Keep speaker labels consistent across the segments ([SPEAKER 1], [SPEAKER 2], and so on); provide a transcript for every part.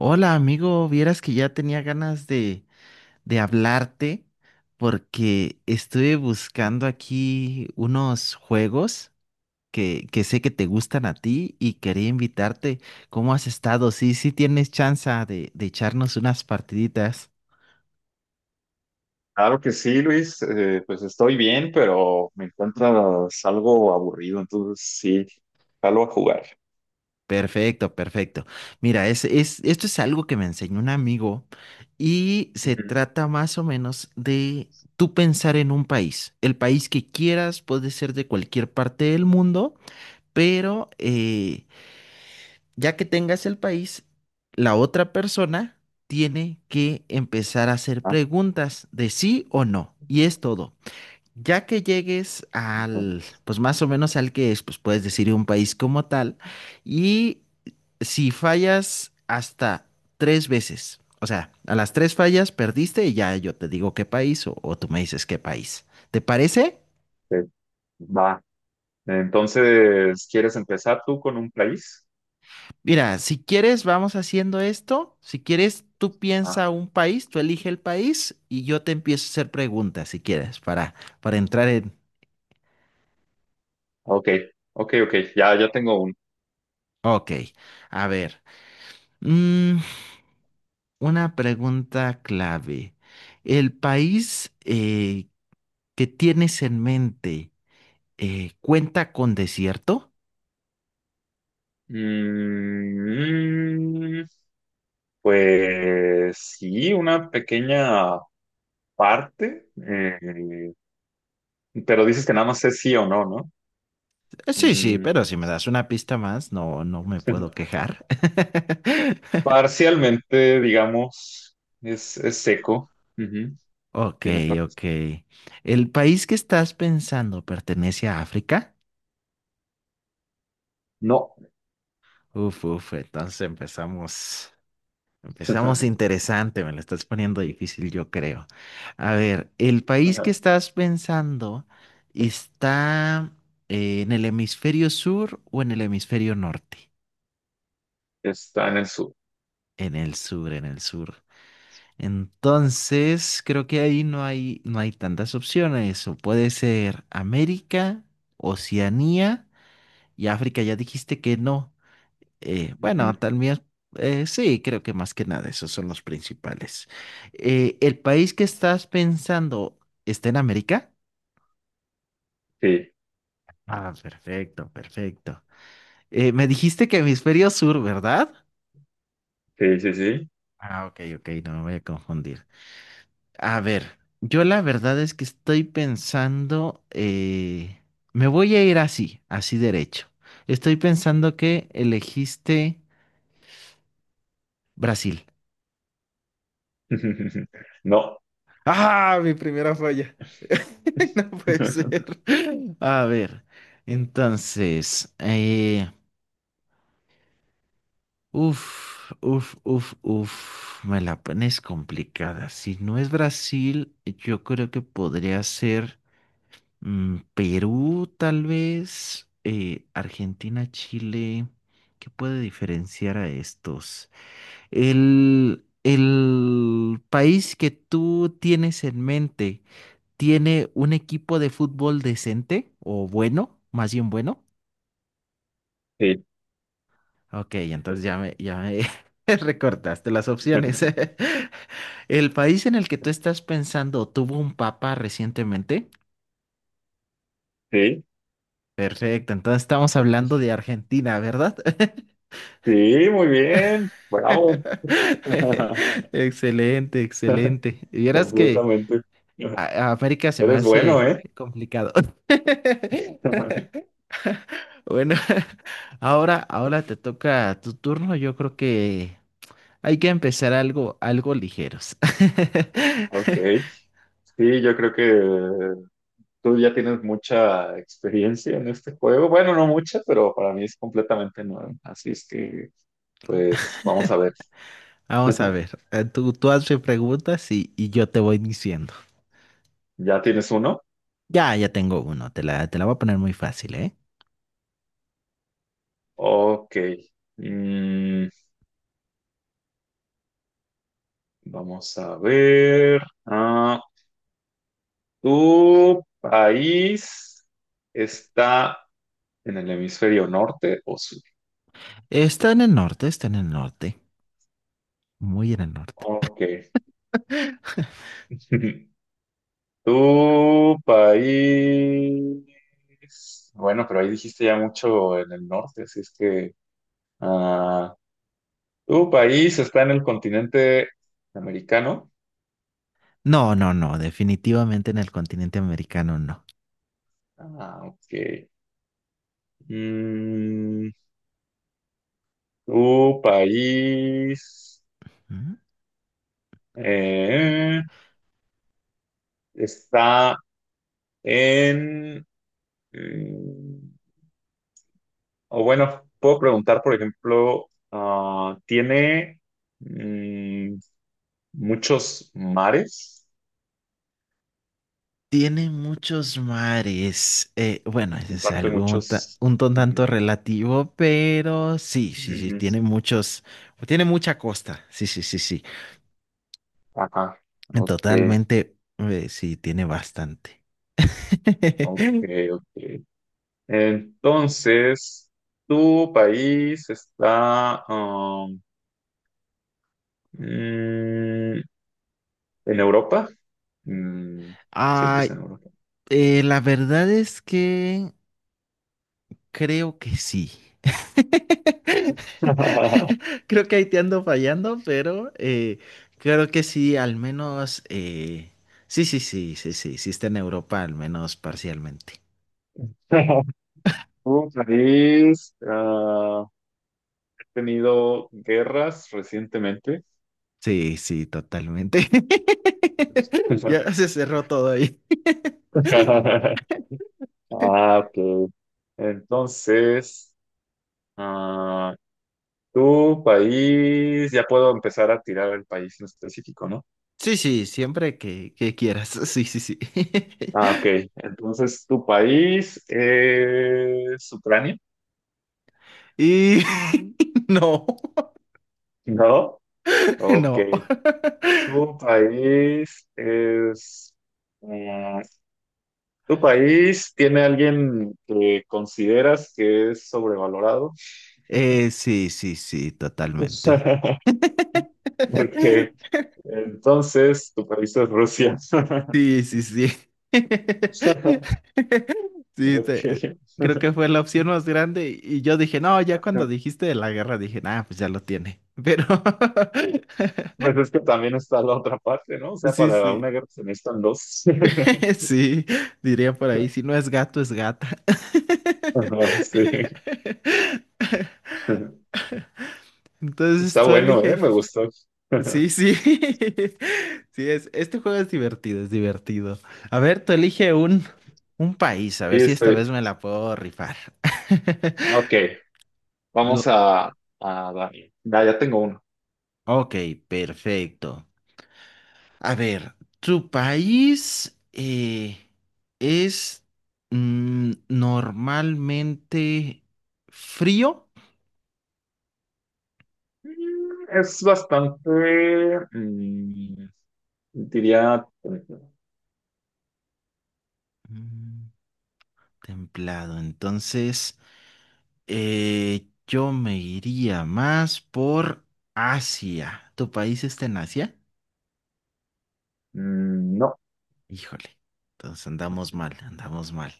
[SPEAKER 1] Hola amigo, vieras que ya tenía ganas de hablarte porque estuve buscando aquí unos juegos que sé que te gustan a ti y quería invitarte. ¿Cómo has estado? Sí, sí tienes chance de echarnos unas partiditas.
[SPEAKER 2] Claro que sí, Luis. Pues estoy bien, pero me encuentras algo aburrido, entonces sí, salgo a jugar.
[SPEAKER 1] Perfecto, perfecto. Mira, esto es algo que me enseñó un amigo y se
[SPEAKER 2] Ujú.
[SPEAKER 1] trata más o menos de tú pensar en un país. El país que quieras puede ser de cualquier parte del mundo, pero ya que tengas el país, la otra persona tiene que empezar a hacer
[SPEAKER 2] Ah,
[SPEAKER 1] preguntas de sí o no. Y es todo. Ya que llegues
[SPEAKER 2] ujú.
[SPEAKER 1] al, pues más o menos al que es, pues puedes decir un país como tal. Y si fallas hasta tres veces, o sea, a las tres fallas perdiste y ya yo te digo qué país o tú me dices qué país. ¿Te parece?
[SPEAKER 2] Eh, Va. Entonces, ¿quieres empezar tú con un país?
[SPEAKER 1] Mira, si quieres, vamos haciendo esto. Si quieres, tú
[SPEAKER 2] Ah,
[SPEAKER 1] piensa un país, tú elige el país y yo te empiezo a hacer preguntas, si quieres, para entrar en...
[SPEAKER 2] ok, ok, ok. Ya tengo uno.
[SPEAKER 1] Ok, a ver. mm, una pregunta clave. ¿El país que tienes en mente cuenta con desierto?
[SPEAKER 2] Mm, pues sí, una pequeña parte, pero dices que nada más es sí o no, ¿no?
[SPEAKER 1] Sí, sí,
[SPEAKER 2] Mm.
[SPEAKER 1] pero si me das una pista más, no, no me puedo quejar.
[SPEAKER 2] Parcialmente, digamos, es seco. Ujú.
[SPEAKER 1] Ok,
[SPEAKER 2] Tiene partes.
[SPEAKER 1] ok. ¿El país que estás pensando pertenece a África?
[SPEAKER 2] No.
[SPEAKER 1] Uf, uf, entonces empezamos. Empezamos interesante, me lo estás poniendo difícil, yo creo. A ver, ¿el país que estás pensando está en el hemisferio sur o en el hemisferio norte?
[SPEAKER 2] Está en el sur.
[SPEAKER 1] En el sur, en el sur. Entonces, creo que ahí no hay, no hay tantas opciones. O puede ser América, Oceanía. Y África, ya dijiste que no. Bueno,
[SPEAKER 2] Ujú.
[SPEAKER 1] también, sí, creo que más que nada esos son los principales. ¿el país que estás pensando está en América?
[SPEAKER 2] Sí,
[SPEAKER 1] Ah, perfecto, perfecto. Me dijiste que hemisferio sur, ¿verdad?
[SPEAKER 2] sí, sí, sí.
[SPEAKER 1] Ah, ok, ok, no me voy a confundir. A ver, yo la verdad es que estoy pensando, me voy a ir así, así derecho. Estoy pensando que elegiste Brasil.
[SPEAKER 2] No.
[SPEAKER 1] Ah, mi primera falla. No puede ser. A ver, entonces, uf, uf, uf, uf, me la pones complicada. Si no es Brasil, yo creo que podría ser Perú, tal vez, Argentina, Chile. ¿Qué puede diferenciar a estos? El país que tú tienes en mente. ¿Tiene un equipo de fútbol decente o bueno, más bien bueno?
[SPEAKER 2] Sí.
[SPEAKER 1] Ok, entonces ya me recortaste las opciones. ¿El país en el que tú estás pensando tuvo un papa recientemente?
[SPEAKER 2] Sí.
[SPEAKER 1] Perfecto, entonces estamos hablando de Argentina, ¿verdad?
[SPEAKER 2] Sí, muy bien. Bravo.
[SPEAKER 1] Excelente, excelente. Vieras que
[SPEAKER 2] Completamente.
[SPEAKER 1] a América se me
[SPEAKER 2] Eres bueno,
[SPEAKER 1] hace
[SPEAKER 2] ¿eh?
[SPEAKER 1] complicado. Bueno, ahora te toca tu turno. Yo creo que hay que empezar algo, algo ligeros.
[SPEAKER 2] Ok. Sí, yo creo que tú ya tienes mucha experiencia en este juego. Bueno, no mucha, pero para mí es completamente nuevo. Así es que, pues, vamos a ver.
[SPEAKER 1] Vamos a ver. Tú hazme preguntas y yo te voy diciendo.
[SPEAKER 2] ¿Ya tienes uno?
[SPEAKER 1] Ya tengo uno. Te la voy a poner muy fácil, ¿eh?
[SPEAKER 2] Ok. Mm, Vamos a ver. Ah, ¿tu país está en el hemisferio norte o sur?
[SPEAKER 1] Está en el norte, está en el norte. Muy en el norte.
[SPEAKER 2] Ok. ¿Tu país? Bueno, pero ahí dijiste ya mucho en el norte, así es que... ah, ¿Tu país está en el continente americano?
[SPEAKER 1] No, no, no. Definitivamente en el continente americano no.
[SPEAKER 2] Ah, ok. Mm, ¿tu país eh, está en... mm, o bueno, puedo preguntar, por ejemplo, ah, ¿tiene mm, muchos mares?
[SPEAKER 1] Tiene muchos mares. Bueno, ese es
[SPEAKER 2] Comparte
[SPEAKER 1] algo un, ta-
[SPEAKER 2] muchos...
[SPEAKER 1] un ton
[SPEAKER 2] Ujú,
[SPEAKER 1] tanto relativo, pero sí, sí, sí,
[SPEAKER 2] ujú.
[SPEAKER 1] tiene muchos, tiene mucha costa. Sí, sí, sí, sí.
[SPEAKER 2] Ajá, ok,
[SPEAKER 1] Totalmente, sí, tiene bastante.
[SPEAKER 2] ok, ok. Entonces, ¿tu país está mm, en Europa? Mm, sí, pues
[SPEAKER 1] Ay,
[SPEAKER 2] en Europa.
[SPEAKER 1] la verdad es que creo que sí. Creo que ahí te ando fallando, pero creo que sí, al menos. Sí, sí, sí, sí, sí, sí está en Europa, al menos parcialmente.
[SPEAKER 2] ¿Tu país ha tenido guerras recientemente?
[SPEAKER 1] Sí, sí, totalmente. Ya se cerró todo ahí.
[SPEAKER 2] Ah, ok. Entonces, ah, tu país, ya puedo empezar a tirar el país en específico, ¿no?
[SPEAKER 1] Sí, sí, siempre que quieras. Sí, sí, sí.
[SPEAKER 2] Ah, ok. Entonces, ¿tu país es Ucrania?
[SPEAKER 1] Y no,
[SPEAKER 2] No. Ok.
[SPEAKER 1] no.
[SPEAKER 2] ¿Tu país es... mm, ¿Tu país tiene alguien que consideras que es sobrevalorado?
[SPEAKER 1] Sí, sí, sí, totalmente.
[SPEAKER 2] Porque entonces tu país es Rusia.
[SPEAKER 1] Sí, sí, sí. Sí,
[SPEAKER 2] Ok.
[SPEAKER 1] te- creo que fue la opción más grande y yo dije, no, ya cuando dijiste de la guerra dije, ah, pues ya lo tiene. Pero
[SPEAKER 2] Pues es que también está la otra parte, ¿no? O sea,
[SPEAKER 1] sí,
[SPEAKER 2] para una
[SPEAKER 1] sí,
[SPEAKER 2] guerra se necesitan dos.
[SPEAKER 1] sí, diría por ahí, si no es gato, es gata.
[SPEAKER 2] Ajá, sí.
[SPEAKER 1] Entonces
[SPEAKER 2] Está
[SPEAKER 1] tú
[SPEAKER 2] bueno, ¿eh?
[SPEAKER 1] elige.
[SPEAKER 2] Me gustó.
[SPEAKER 1] Sí, sí. Este juego es divertido, es divertido. A ver, tú elige un país, a
[SPEAKER 2] Sí,
[SPEAKER 1] ver si esta
[SPEAKER 2] estoy.
[SPEAKER 1] vez me la puedo rifar.
[SPEAKER 2] Ok, vamos
[SPEAKER 1] Lo-
[SPEAKER 2] a, a dar. Ya tengo uno.
[SPEAKER 1] Ok, perfecto. A ver, ¿tu país es normalmente frío?
[SPEAKER 2] Mm, es bastante, mm, diría,
[SPEAKER 1] Mm, templado. Entonces, yo me iría más por Asia. ¿Tu país está en Asia?
[SPEAKER 2] mm, no.
[SPEAKER 1] Híjole. Entonces andamos mal, andamos mal.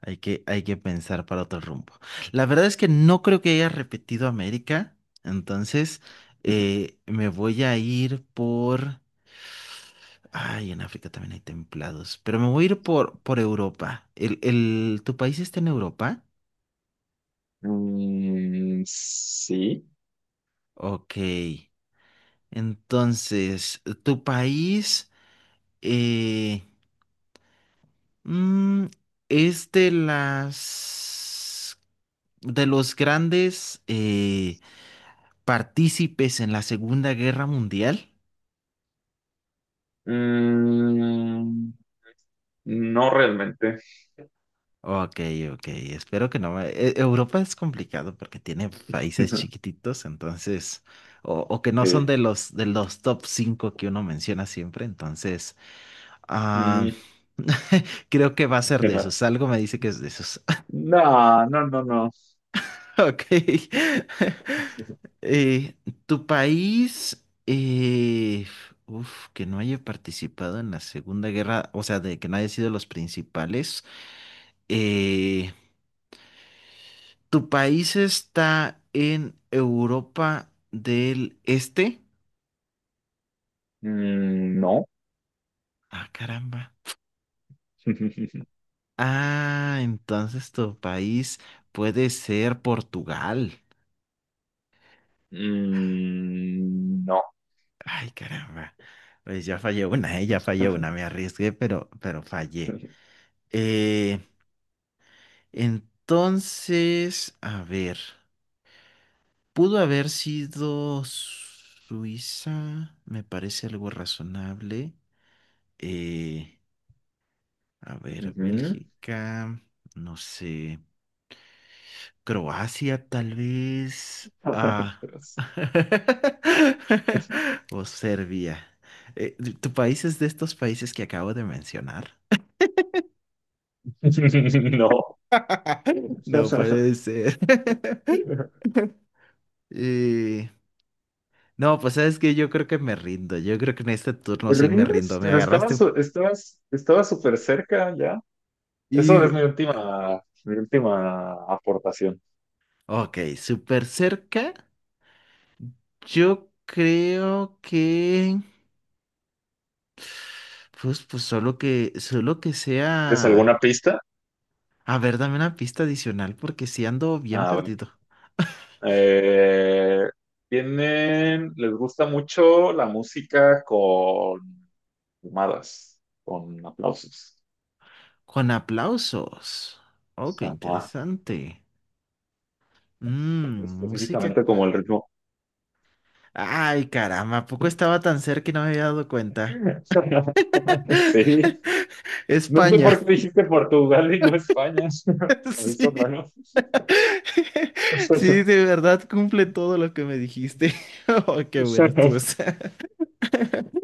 [SPEAKER 1] Hay que pensar para otro rumbo. La verdad es que no creo que haya repetido América, entonces me voy a ir por... Ay, en África también hay templados, pero me voy a ir por Europa. Tu país está en Europa?
[SPEAKER 2] Mm, sí.
[SPEAKER 1] Ok, entonces, ¿tu país eh, mm, es de los grandes partícipes en la Segunda Guerra Mundial?
[SPEAKER 2] Mm, no realmente.
[SPEAKER 1] Ok, ok, espero que no me... Europa es complicado porque tiene países chiquititos, entonces, o que no son
[SPEAKER 2] Sí.
[SPEAKER 1] de los top 5 que uno menciona siempre, entonces, ah,
[SPEAKER 2] Mm,
[SPEAKER 1] creo que va a ser de esos, algo me dice que es de esos.
[SPEAKER 2] No, no, no, no.
[SPEAKER 1] Ok. Eh, tu país, uf, que no haya participado en la Segunda Guerra, o sea, de que no haya sido los principales. eh, ¿Tu país está en Europa del Este?
[SPEAKER 2] Mm, no.
[SPEAKER 1] Ah, caramba. Ah, entonces tu país puede ser Portugal.
[SPEAKER 2] Mm, no.
[SPEAKER 1] Ay, caramba. Pues ya fallé una, me arriesgué, pero fallé. Eh, entonces, a ver, pudo haber sido Suiza, me parece algo razonable. Eh, A ver,
[SPEAKER 2] Ujú.
[SPEAKER 1] Bélgica, no sé, Croacia tal vez, ah, o Serbia. ¿tu país es de estos países que acabo de mencionar?
[SPEAKER 2] No.
[SPEAKER 1] No puede ser. Eh, no, pues sabes que yo creo que me rindo, yo creo que en este turno sí me
[SPEAKER 2] ¿Rindes?
[SPEAKER 1] rindo, me
[SPEAKER 2] Pero
[SPEAKER 1] agarraste.
[SPEAKER 2] estabas súper cerca ya. Eso
[SPEAKER 1] Y,
[SPEAKER 2] es mi última aportación.
[SPEAKER 1] ok, súper cerca, yo creo que... Pues, pues solo que
[SPEAKER 2] ¿Tienes
[SPEAKER 1] sea.
[SPEAKER 2] alguna pista?
[SPEAKER 1] A ver, dame una pista adicional porque si ando bien
[SPEAKER 2] A ver.
[SPEAKER 1] perdido.
[SPEAKER 2] Eh, Tienen, les gusta mucho la música con fumadas, con aplausos.
[SPEAKER 1] Con aplausos. Oh, qué
[SPEAKER 2] Ajá.
[SPEAKER 1] interesante. Mmm, música.
[SPEAKER 2] Específicamente como el ritmo.
[SPEAKER 1] Ay, caramba, ¿a poco estaba tan cerca y no me había dado cuenta?
[SPEAKER 2] Sí. No sé por
[SPEAKER 1] España.
[SPEAKER 2] qué dijiste Portugal y no España. Se me hizo
[SPEAKER 1] Sí.
[SPEAKER 2] raro.
[SPEAKER 1] Sí, de verdad cumple todo lo que me dijiste. Oh, qué bueno estuvo.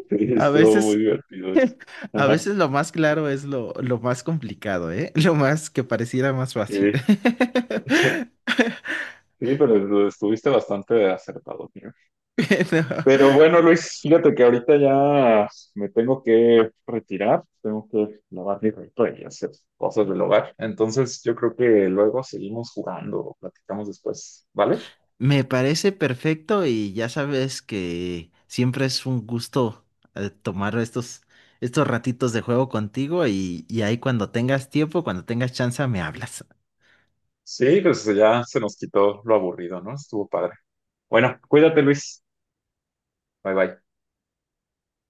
[SPEAKER 2] Sí,
[SPEAKER 1] A
[SPEAKER 2] estuvo muy
[SPEAKER 1] veces,
[SPEAKER 2] divertido eso.
[SPEAKER 1] a
[SPEAKER 2] Ajá,
[SPEAKER 1] veces lo más claro es lo más complicado, ¿eh? Lo más que pareciera más
[SPEAKER 2] sí.
[SPEAKER 1] fácil.
[SPEAKER 2] Sí, pero lo estuviste bastante acertado, tío.
[SPEAKER 1] Bueno,
[SPEAKER 2] Pero bueno, Luis, fíjate que ahorita ya me tengo que retirar, tengo que lavar mi ropa y hacer cosas del hogar. Entonces, yo creo que luego seguimos jugando o platicamos después, ¿vale?
[SPEAKER 1] me parece perfecto y ya sabes que siempre es un gusto tomar estos, estos ratitos de juego contigo y ahí cuando tengas tiempo, cuando tengas chance, me hablas.
[SPEAKER 2] Sí, pues ya se nos quitó lo aburrido, ¿no? Estuvo padre. Bueno, cuídate, Luis. Bye bye.